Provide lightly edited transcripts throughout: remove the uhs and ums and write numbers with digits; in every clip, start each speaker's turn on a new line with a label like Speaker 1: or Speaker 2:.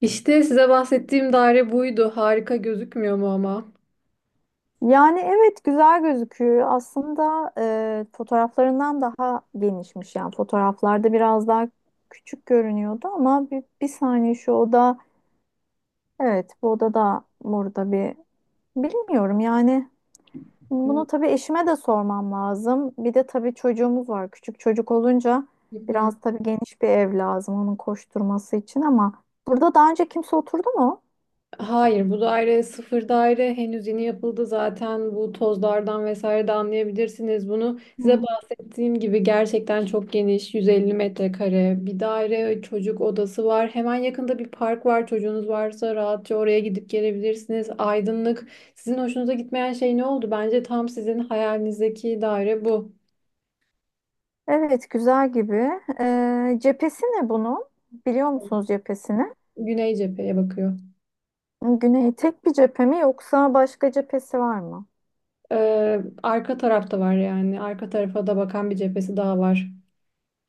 Speaker 1: İşte size bahsettiğim daire buydu. Harika gözükmüyor mu ama?
Speaker 2: Yani evet, güzel gözüküyor. Aslında fotoğraflarından daha genişmiş. Yani fotoğraflarda biraz daha küçük görünüyordu ama bir saniye şu oda evet, bu oda da burada bir, bilmiyorum yani.
Speaker 1: Hı
Speaker 2: Bunu tabii eşime de sormam lazım. Bir de tabii çocuğumuz var. Küçük çocuk olunca
Speaker 1: hı.
Speaker 2: biraz tabii geniş bir ev lazım onun koşturması için. Ama burada daha önce kimse oturdu mu?
Speaker 1: Hayır, bu daire sıfır daire. Henüz yeni yapıldı zaten. Bu tozlardan vesaire de anlayabilirsiniz bunu. Size
Speaker 2: Hmm.
Speaker 1: bahsettiğim gibi gerçekten çok geniş, 150 metrekare bir daire, çocuk odası var. Hemen yakında bir park var. Çocuğunuz varsa rahatça oraya gidip gelebilirsiniz. Aydınlık. Sizin hoşunuza gitmeyen şey ne oldu? Bence tam sizin hayalinizdeki daire bu.
Speaker 2: Evet, güzel gibi. Cephesi ne bunun? Biliyor musunuz cephesini?
Speaker 1: Güney cepheye bakıyor.
Speaker 2: Güney tek bir cephe mi yoksa başka cephesi var mı?
Speaker 1: Arka tarafta var yani. Arka tarafa da bakan bir cephesi daha var.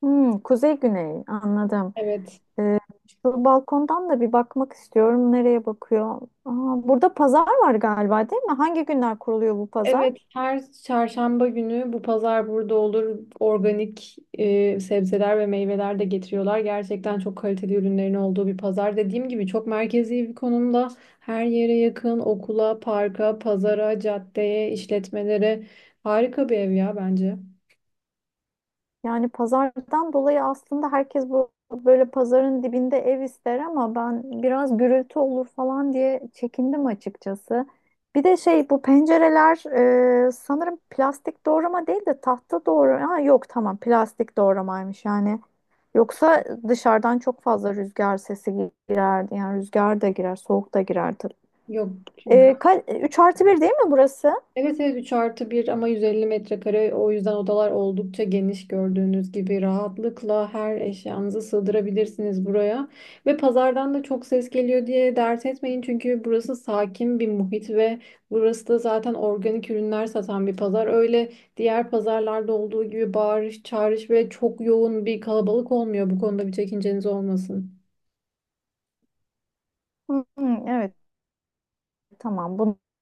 Speaker 2: Hmm, kuzey güney anladım.
Speaker 1: Evet.
Speaker 2: Ee, Şu balkondan da bir bakmak istiyorum. Nereye bakıyor? Aa, burada pazar var galiba, değil mi? Hangi günler kuruluyor bu pazar?
Speaker 1: Evet, her çarşamba günü bu pazar burada olur. Organik sebzeler ve meyveler de getiriyorlar. Gerçekten çok kaliteli ürünlerin olduğu bir pazar. Dediğim gibi çok merkezi bir konumda. Her yere yakın, okula, parka, pazara, caddeye, işletmelere. Harika bir ev ya bence.
Speaker 2: Yani pazardan dolayı aslında herkes bu böyle pazarın dibinde ev ister ama ben biraz gürültü olur falan diye çekindim açıkçası. Bir de şey, bu pencereler sanırım plastik doğrama değil de tahta doğrama. Ha, yok tamam, plastik doğramaymış yani. Yoksa dışarıdan çok fazla rüzgar sesi girerdi. Yani rüzgar da girer, soğuk da girer tabii.
Speaker 1: Yok.
Speaker 2: 3 artı bir değil mi burası?
Speaker 1: Evet, evet, 3 artı 1 ama 150 metrekare, o yüzden odalar oldukça geniş. Gördüğünüz gibi rahatlıkla her eşyanızı sığdırabilirsiniz buraya. Ve pazardan da çok ses geliyor diye dert etmeyin çünkü burası sakin bir muhit ve burası da zaten organik ürünler satan bir pazar. Diğer pazarlarda olduğu gibi bağırış, çağırış ve çok yoğun bir kalabalık olmuyor. Bu konuda bir çekinceniz olmasın.
Speaker 2: Hmm, evet, tamam. Bunu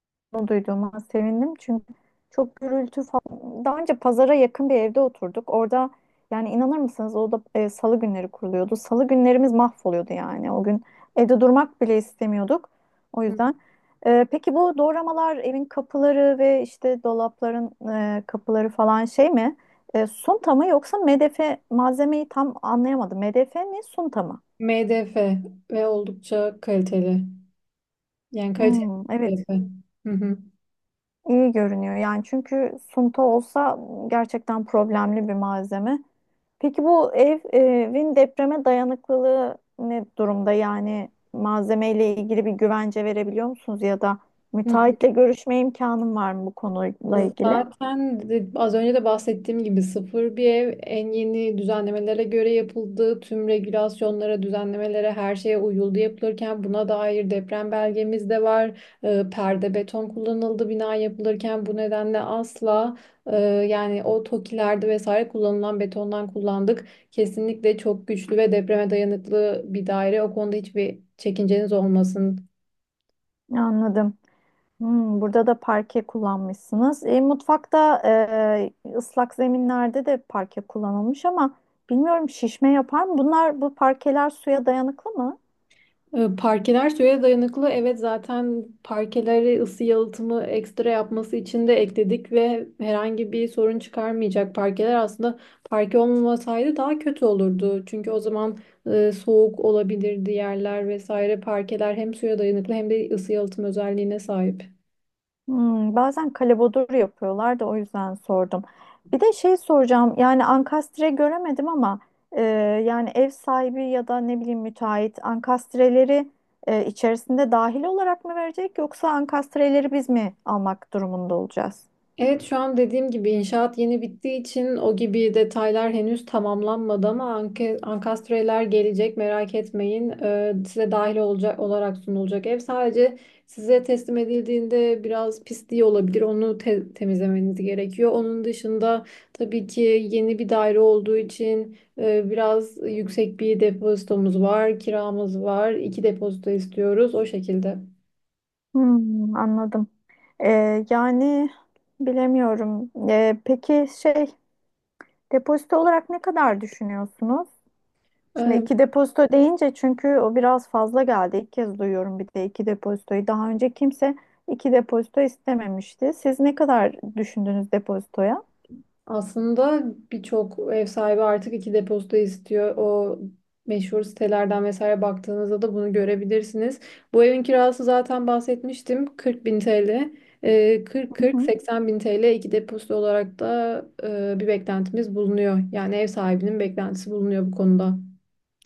Speaker 2: duyduğuma sevindim çünkü çok gürültü falan. Daha önce pazara yakın bir evde oturduk. Orada, yani inanır mısınız, o da salı günleri kuruluyordu. Salı günlerimiz mahvoluyordu yani. O gün evde durmak bile istemiyorduk. O yüzden. Peki bu doğramalar, evin kapıları ve işte dolapların kapıları falan şey mi? Sunta mı yoksa MDF, malzemeyi tam anlayamadım. MDF mi sunta mı?
Speaker 1: MDF ve oldukça kaliteli. Yani kaliteli
Speaker 2: Hmm, evet.
Speaker 1: MDF. Hı hı.
Speaker 2: İyi görünüyor yani, çünkü sunta olsa gerçekten problemli bir malzeme. Peki bu ev, evin depreme dayanıklılığı ne durumda? Yani malzemeyle ilgili bir güvence verebiliyor musunuz ya da
Speaker 1: Hı.
Speaker 2: müteahhitle görüşme imkanım var mı bu konuyla ilgili?
Speaker 1: Zaten az önce de bahsettiğim gibi sıfır bir ev en yeni düzenlemelere göre yapıldı. Tüm regülasyonlara, düzenlemelere, her şeye uyuldu yapılırken. Buna dair deprem belgemiz de var. Perde beton kullanıldı bina yapılırken, bu nedenle asla yani o tokilerde vesaire kullanılan betondan kullandık. Kesinlikle çok güçlü ve depreme dayanıklı bir daire. O konuda hiçbir çekinceniz olmasın.
Speaker 2: Anladım. Hmm, burada da parke kullanmışsınız. Mutfakta, ıslak zeminlerde de parke kullanılmış ama bilmiyorum, şişme yapar mı? Bunlar, bu parkeler suya dayanıklı mı?
Speaker 1: Parkeler suya dayanıklı. Evet, zaten parkeleri ısı yalıtımı ekstra yapması için de ekledik ve herhangi bir sorun çıkarmayacak. Parkeler aslında, parke olmamasaydı daha kötü olurdu. Çünkü o zaman soğuk olabilirdi yerler vesaire. Parkeler hem suya dayanıklı hem de ısı yalıtım özelliğine sahip.
Speaker 2: Hmm, bazen kalebodur yapıyorlar da o yüzden sordum. Bir de şey soracağım, yani ankastre göremedim ama e, yani ev sahibi ya da ne bileyim, müteahhit ankastreleri içerisinde dahil olarak mı verecek yoksa ankastreleri biz mi almak durumunda olacağız?
Speaker 1: Evet, şu an dediğim gibi inşaat yeni bittiği için o gibi detaylar henüz tamamlanmadı ama ankastreler gelecek, merak etmeyin. Size dahil olacak olarak sunulacak ev. Sadece size teslim edildiğinde biraz pisliği olabilir. Onu temizlemeniz gerekiyor. Onun dışında tabii ki yeni bir daire olduğu için biraz yüksek bir depozitomuz var, kiramız var. İki depozito istiyoruz o şekilde.
Speaker 2: Hmm, anladım. Yani bilemiyorum. Peki şey, depozito olarak ne kadar düşünüyorsunuz? Şimdi
Speaker 1: Ee,
Speaker 2: iki depozito deyince, çünkü o biraz fazla geldi. İlk kez duyuyorum bir de iki depozitoyu. Daha önce kimse iki depozito istememişti. Siz ne kadar düşündünüz depozitoya?
Speaker 1: Aslında birçok ev sahibi artık iki depozito istiyor. O meşhur sitelerden vesaire baktığınızda da bunu görebilirsiniz. Bu evin kirası, zaten bahsetmiştim, 40 bin TL.
Speaker 2: Hı hı.
Speaker 1: 40-40-80 bin TL iki depozito olarak da bir beklentimiz bulunuyor. Yani ev sahibinin beklentisi bulunuyor bu konuda.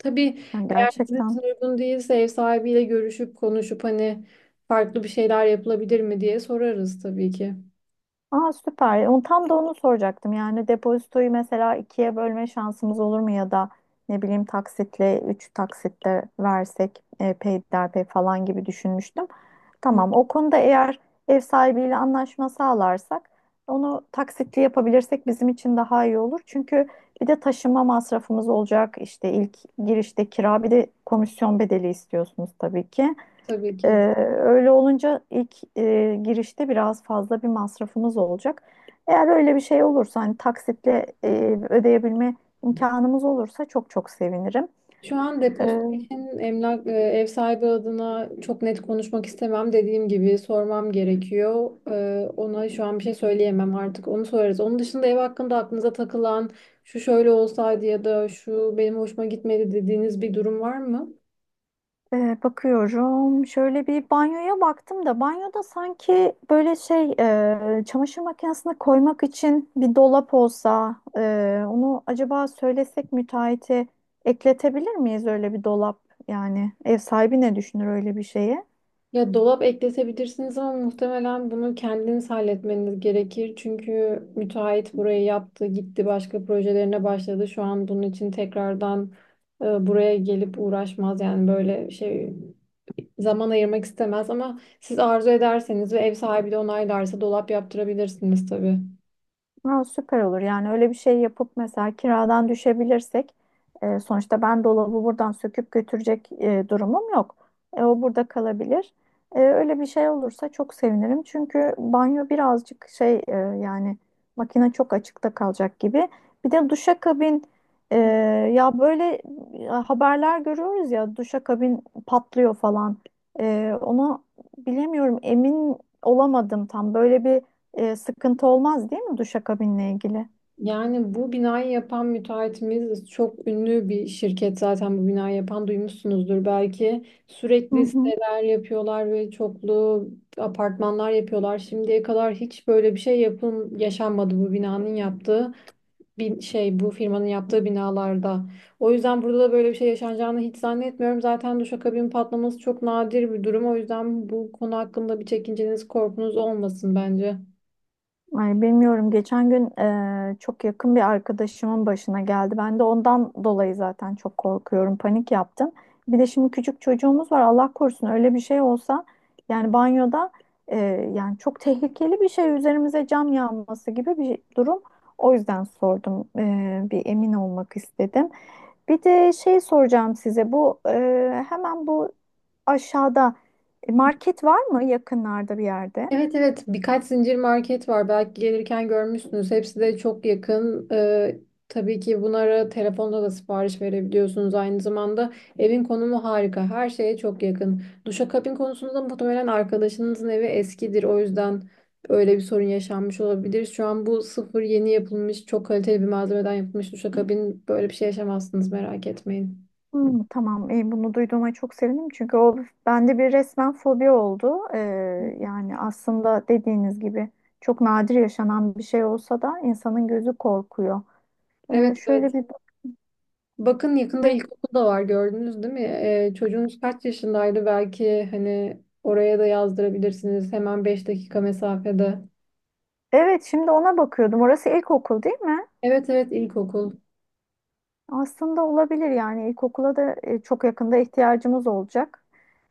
Speaker 1: Tabii
Speaker 2: Yani
Speaker 1: sizin için
Speaker 2: gerçekten.
Speaker 1: uygun değilse ev sahibiyle görüşüp konuşup hani farklı bir şeyler yapılabilir mi diye sorarız tabii ki.
Speaker 2: Aa, süper. Onu, tam da onu soracaktım. Yani depozitoyu mesela ikiye bölme şansımız olur mu, ya da ne bileyim taksitle, üç taksitle versek peyderpey falan gibi düşünmüştüm.
Speaker 1: Hı.
Speaker 2: Tamam. O konuda eğer ev sahibiyle anlaşma sağlarsak, onu taksitli yapabilirsek bizim için daha iyi olur. Çünkü bir de taşınma masrafımız olacak. İşte ilk girişte kira, bir de komisyon bedeli istiyorsunuz tabii ki.
Speaker 1: Tabii
Speaker 2: Ee,
Speaker 1: ki.
Speaker 2: öyle olunca ilk girişte biraz fazla bir masrafımız olacak. Eğer öyle bir şey olursa, hani taksitle ödeyebilme imkanımız olursa çok çok sevinirim.
Speaker 1: Şu an
Speaker 2: Ee,
Speaker 1: depozito için ev sahibi adına çok net konuşmak istemem. Dediğim gibi sormam gerekiyor. Ona şu an bir şey söyleyemem artık. Onu sorarız. Onun dışında ev hakkında aklınıza takılan, şu şöyle olsaydı ya da şu benim hoşuma gitmedi dediğiniz bir durum var mı?
Speaker 2: Bakıyorum. Şöyle bir banyoya baktım da, banyoda sanki böyle şey, çamaşır makinesine koymak için bir dolap olsa, onu acaba söylesek müteahhite ekletebilir miyiz öyle bir dolap? Yani ev sahibi ne düşünür öyle bir şeye?
Speaker 1: Ya, dolap ekletebilirsiniz ama muhtemelen bunu kendiniz halletmeniz gerekir. Çünkü müteahhit burayı yaptı, gitti, başka projelerine başladı. Şu an bunun için tekrardan buraya gelip uğraşmaz yani. Böyle şey zaman ayırmak istemez ama siz arzu ederseniz ve ev sahibi de onaylarsa dolap yaptırabilirsiniz tabii.
Speaker 2: Ha, süper olur. Yani öyle bir şey yapıp mesela kiradan düşebilirsek, sonuçta ben dolabı buradan söküp götürecek durumum yok. O burada kalabilir. Öyle bir şey olursa çok sevinirim. Çünkü banyo birazcık şey, yani makine çok açıkta kalacak gibi. Bir de duşakabin, e, ya böyle haberler görüyoruz ya, duşakabin patlıyor falan. Onu bilemiyorum, emin olamadım tam. Böyle bir sıkıntı olmaz değil mi duşakabinle ilgili?
Speaker 1: Yani bu binayı yapan müteahhitimiz çok ünlü bir şirket, zaten bu binayı yapan, duymuşsunuzdur belki.
Speaker 2: Hı
Speaker 1: Sürekli
Speaker 2: hı.
Speaker 1: siteler yapıyorlar ve çoklu apartmanlar yapıyorlar. Şimdiye kadar hiç böyle bir şey yapım yaşanmadı bu binanın yaptığı. Bin, şey Bu firmanın yaptığı binalarda. O yüzden burada da böyle bir şey yaşanacağını hiç zannetmiyorum. Zaten duşakabin patlaması çok nadir bir durum. O yüzden bu konu hakkında bir çekinceniz, korkunuz olmasın bence.
Speaker 2: Ay, bilmiyorum. Geçen gün çok yakın bir arkadaşımın başına geldi. Ben de ondan dolayı zaten çok korkuyorum. Panik yaptım. Bir de şimdi küçük çocuğumuz var. Allah korusun öyle bir şey olsa, yani banyoda yani çok tehlikeli bir şey, üzerimize cam yağması gibi bir durum. O yüzden sordum. Bir emin olmak istedim. Bir de şey soracağım size. Bu hemen bu aşağıda market var mı yakınlarda bir yerde?
Speaker 1: Evet, evet, birkaç zincir market var, belki gelirken görmüşsünüz. Hepsi de çok yakın. Tabii ki bunlara telefonda da sipariş verebiliyorsunuz aynı zamanda. Evin konumu harika, her şeye çok yakın. Duşakabin konusunda muhtemelen arkadaşınızın evi eskidir, o yüzden öyle bir sorun yaşanmış olabilir. Şu an bu sıfır, yeni yapılmış, çok kaliteli bir malzemeden yapılmış duşakabin, böyle bir şey yaşamazsınız, merak etmeyin.
Speaker 2: Hmm, tamam, bunu duyduğuma çok sevindim çünkü o bende bir resmen fobi oldu. Yani aslında dediğiniz gibi çok nadir yaşanan bir şey olsa da insanın gözü korkuyor.
Speaker 1: Evet,
Speaker 2: Şöyle
Speaker 1: evet.
Speaker 2: bir
Speaker 1: Bakın, yakında ilkokul da var, gördünüz değil mi? Çocuğunuz kaç yaşındaydı? Belki hani oraya da yazdırabilirsiniz, hemen 5 dakika mesafede.
Speaker 2: Evet, şimdi ona bakıyordum. Orası ilkokul değil mi?
Speaker 1: Evet, evet, ilkokul.
Speaker 2: Aslında olabilir yani, ilkokula da çok yakında ihtiyacımız olacak.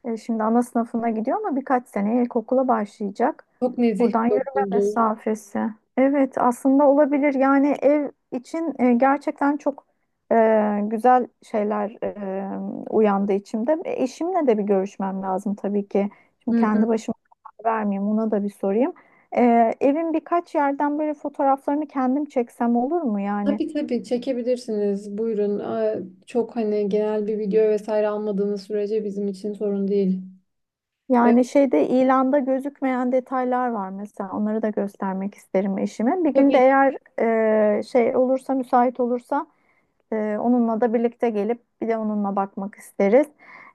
Speaker 2: Şimdi ana sınıfına gidiyor ama birkaç seneye ilkokula başlayacak.
Speaker 1: Çok nezih
Speaker 2: Buradan
Speaker 1: bir
Speaker 2: yürüme
Speaker 1: okuldur.
Speaker 2: mesafesi. Evet, aslında olabilir yani, ev için gerçekten çok güzel şeyler uyandı içimde. Eşimle de bir görüşmem lazım tabii ki.
Speaker 1: Hı
Speaker 2: Şimdi
Speaker 1: hı.
Speaker 2: kendi başıma karar vermeyeyim, ona da bir sorayım. Evin birkaç yerden böyle fotoğraflarını kendim çeksem olur mu yani?
Speaker 1: Tabii tabii, çekebilirsiniz. Buyurun. Aa. Çok hani genel bir video vesaire almadığınız sürece bizim için sorun değil. Ee,
Speaker 2: Yani şeyde, ilanda gözükmeyen detaylar var mesela. Onları da göstermek isterim eşime. Bir gün de
Speaker 1: tabii
Speaker 2: eğer şey olursa, müsait olursa onunla da birlikte gelip bir de onunla bakmak isteriz.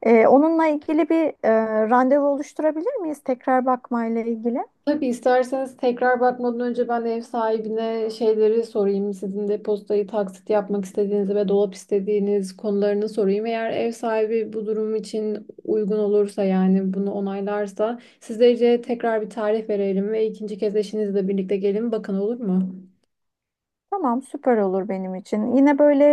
Speaker 2: Onunla ilgili bir randevu oluşturabilir miyiz? Tekrar bakmayla ilgili.
Speaker 1: Tabii, isterseniz tekrar bakmadan önce ben ev sahibine şeyleri sorayım. Sizin depozitayı taksit yapmak istediğiniz ve dolap istediğiniz konularını sorayım. Eğer ev sahibi bu durum için uygun olursa, yani bunu onaylarsa, sizlere tekrar bir tarih verelim ve ikinci kez eşinizle birlikte gelin. Bakın, olur mu?
Speaker 2: Tamam, süper olur benim için. Yine böyle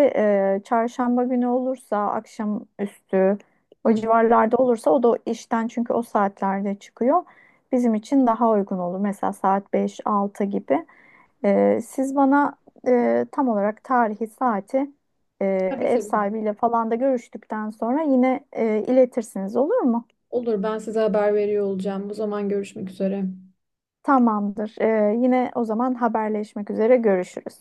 Speaker 2: çarşamba günü olursa, akşam üstü o
Speaker 1: Hı,
Speaker 2: civarlarda olursa, o da işten çünkü o saatlerde çıkıyor. Bizim için daha uygun olur. Mesela saat beş altı gibi. Siz bana tam olarak tarihi, saati e,
Speaker 1: tabii
Speaker 2: ev
Speaker 1: tabii.
Speaker 2: sahibiyle falan da görüştükten sonra yine iletirsiniz, olur mu?
Speaker 1: Olur, ben size haber veriyor olacağım. O zaman görüşmek üzere.
Speaker 2: Tamamdır. Yine o zaman haberleşmek üzere, görüşürüz.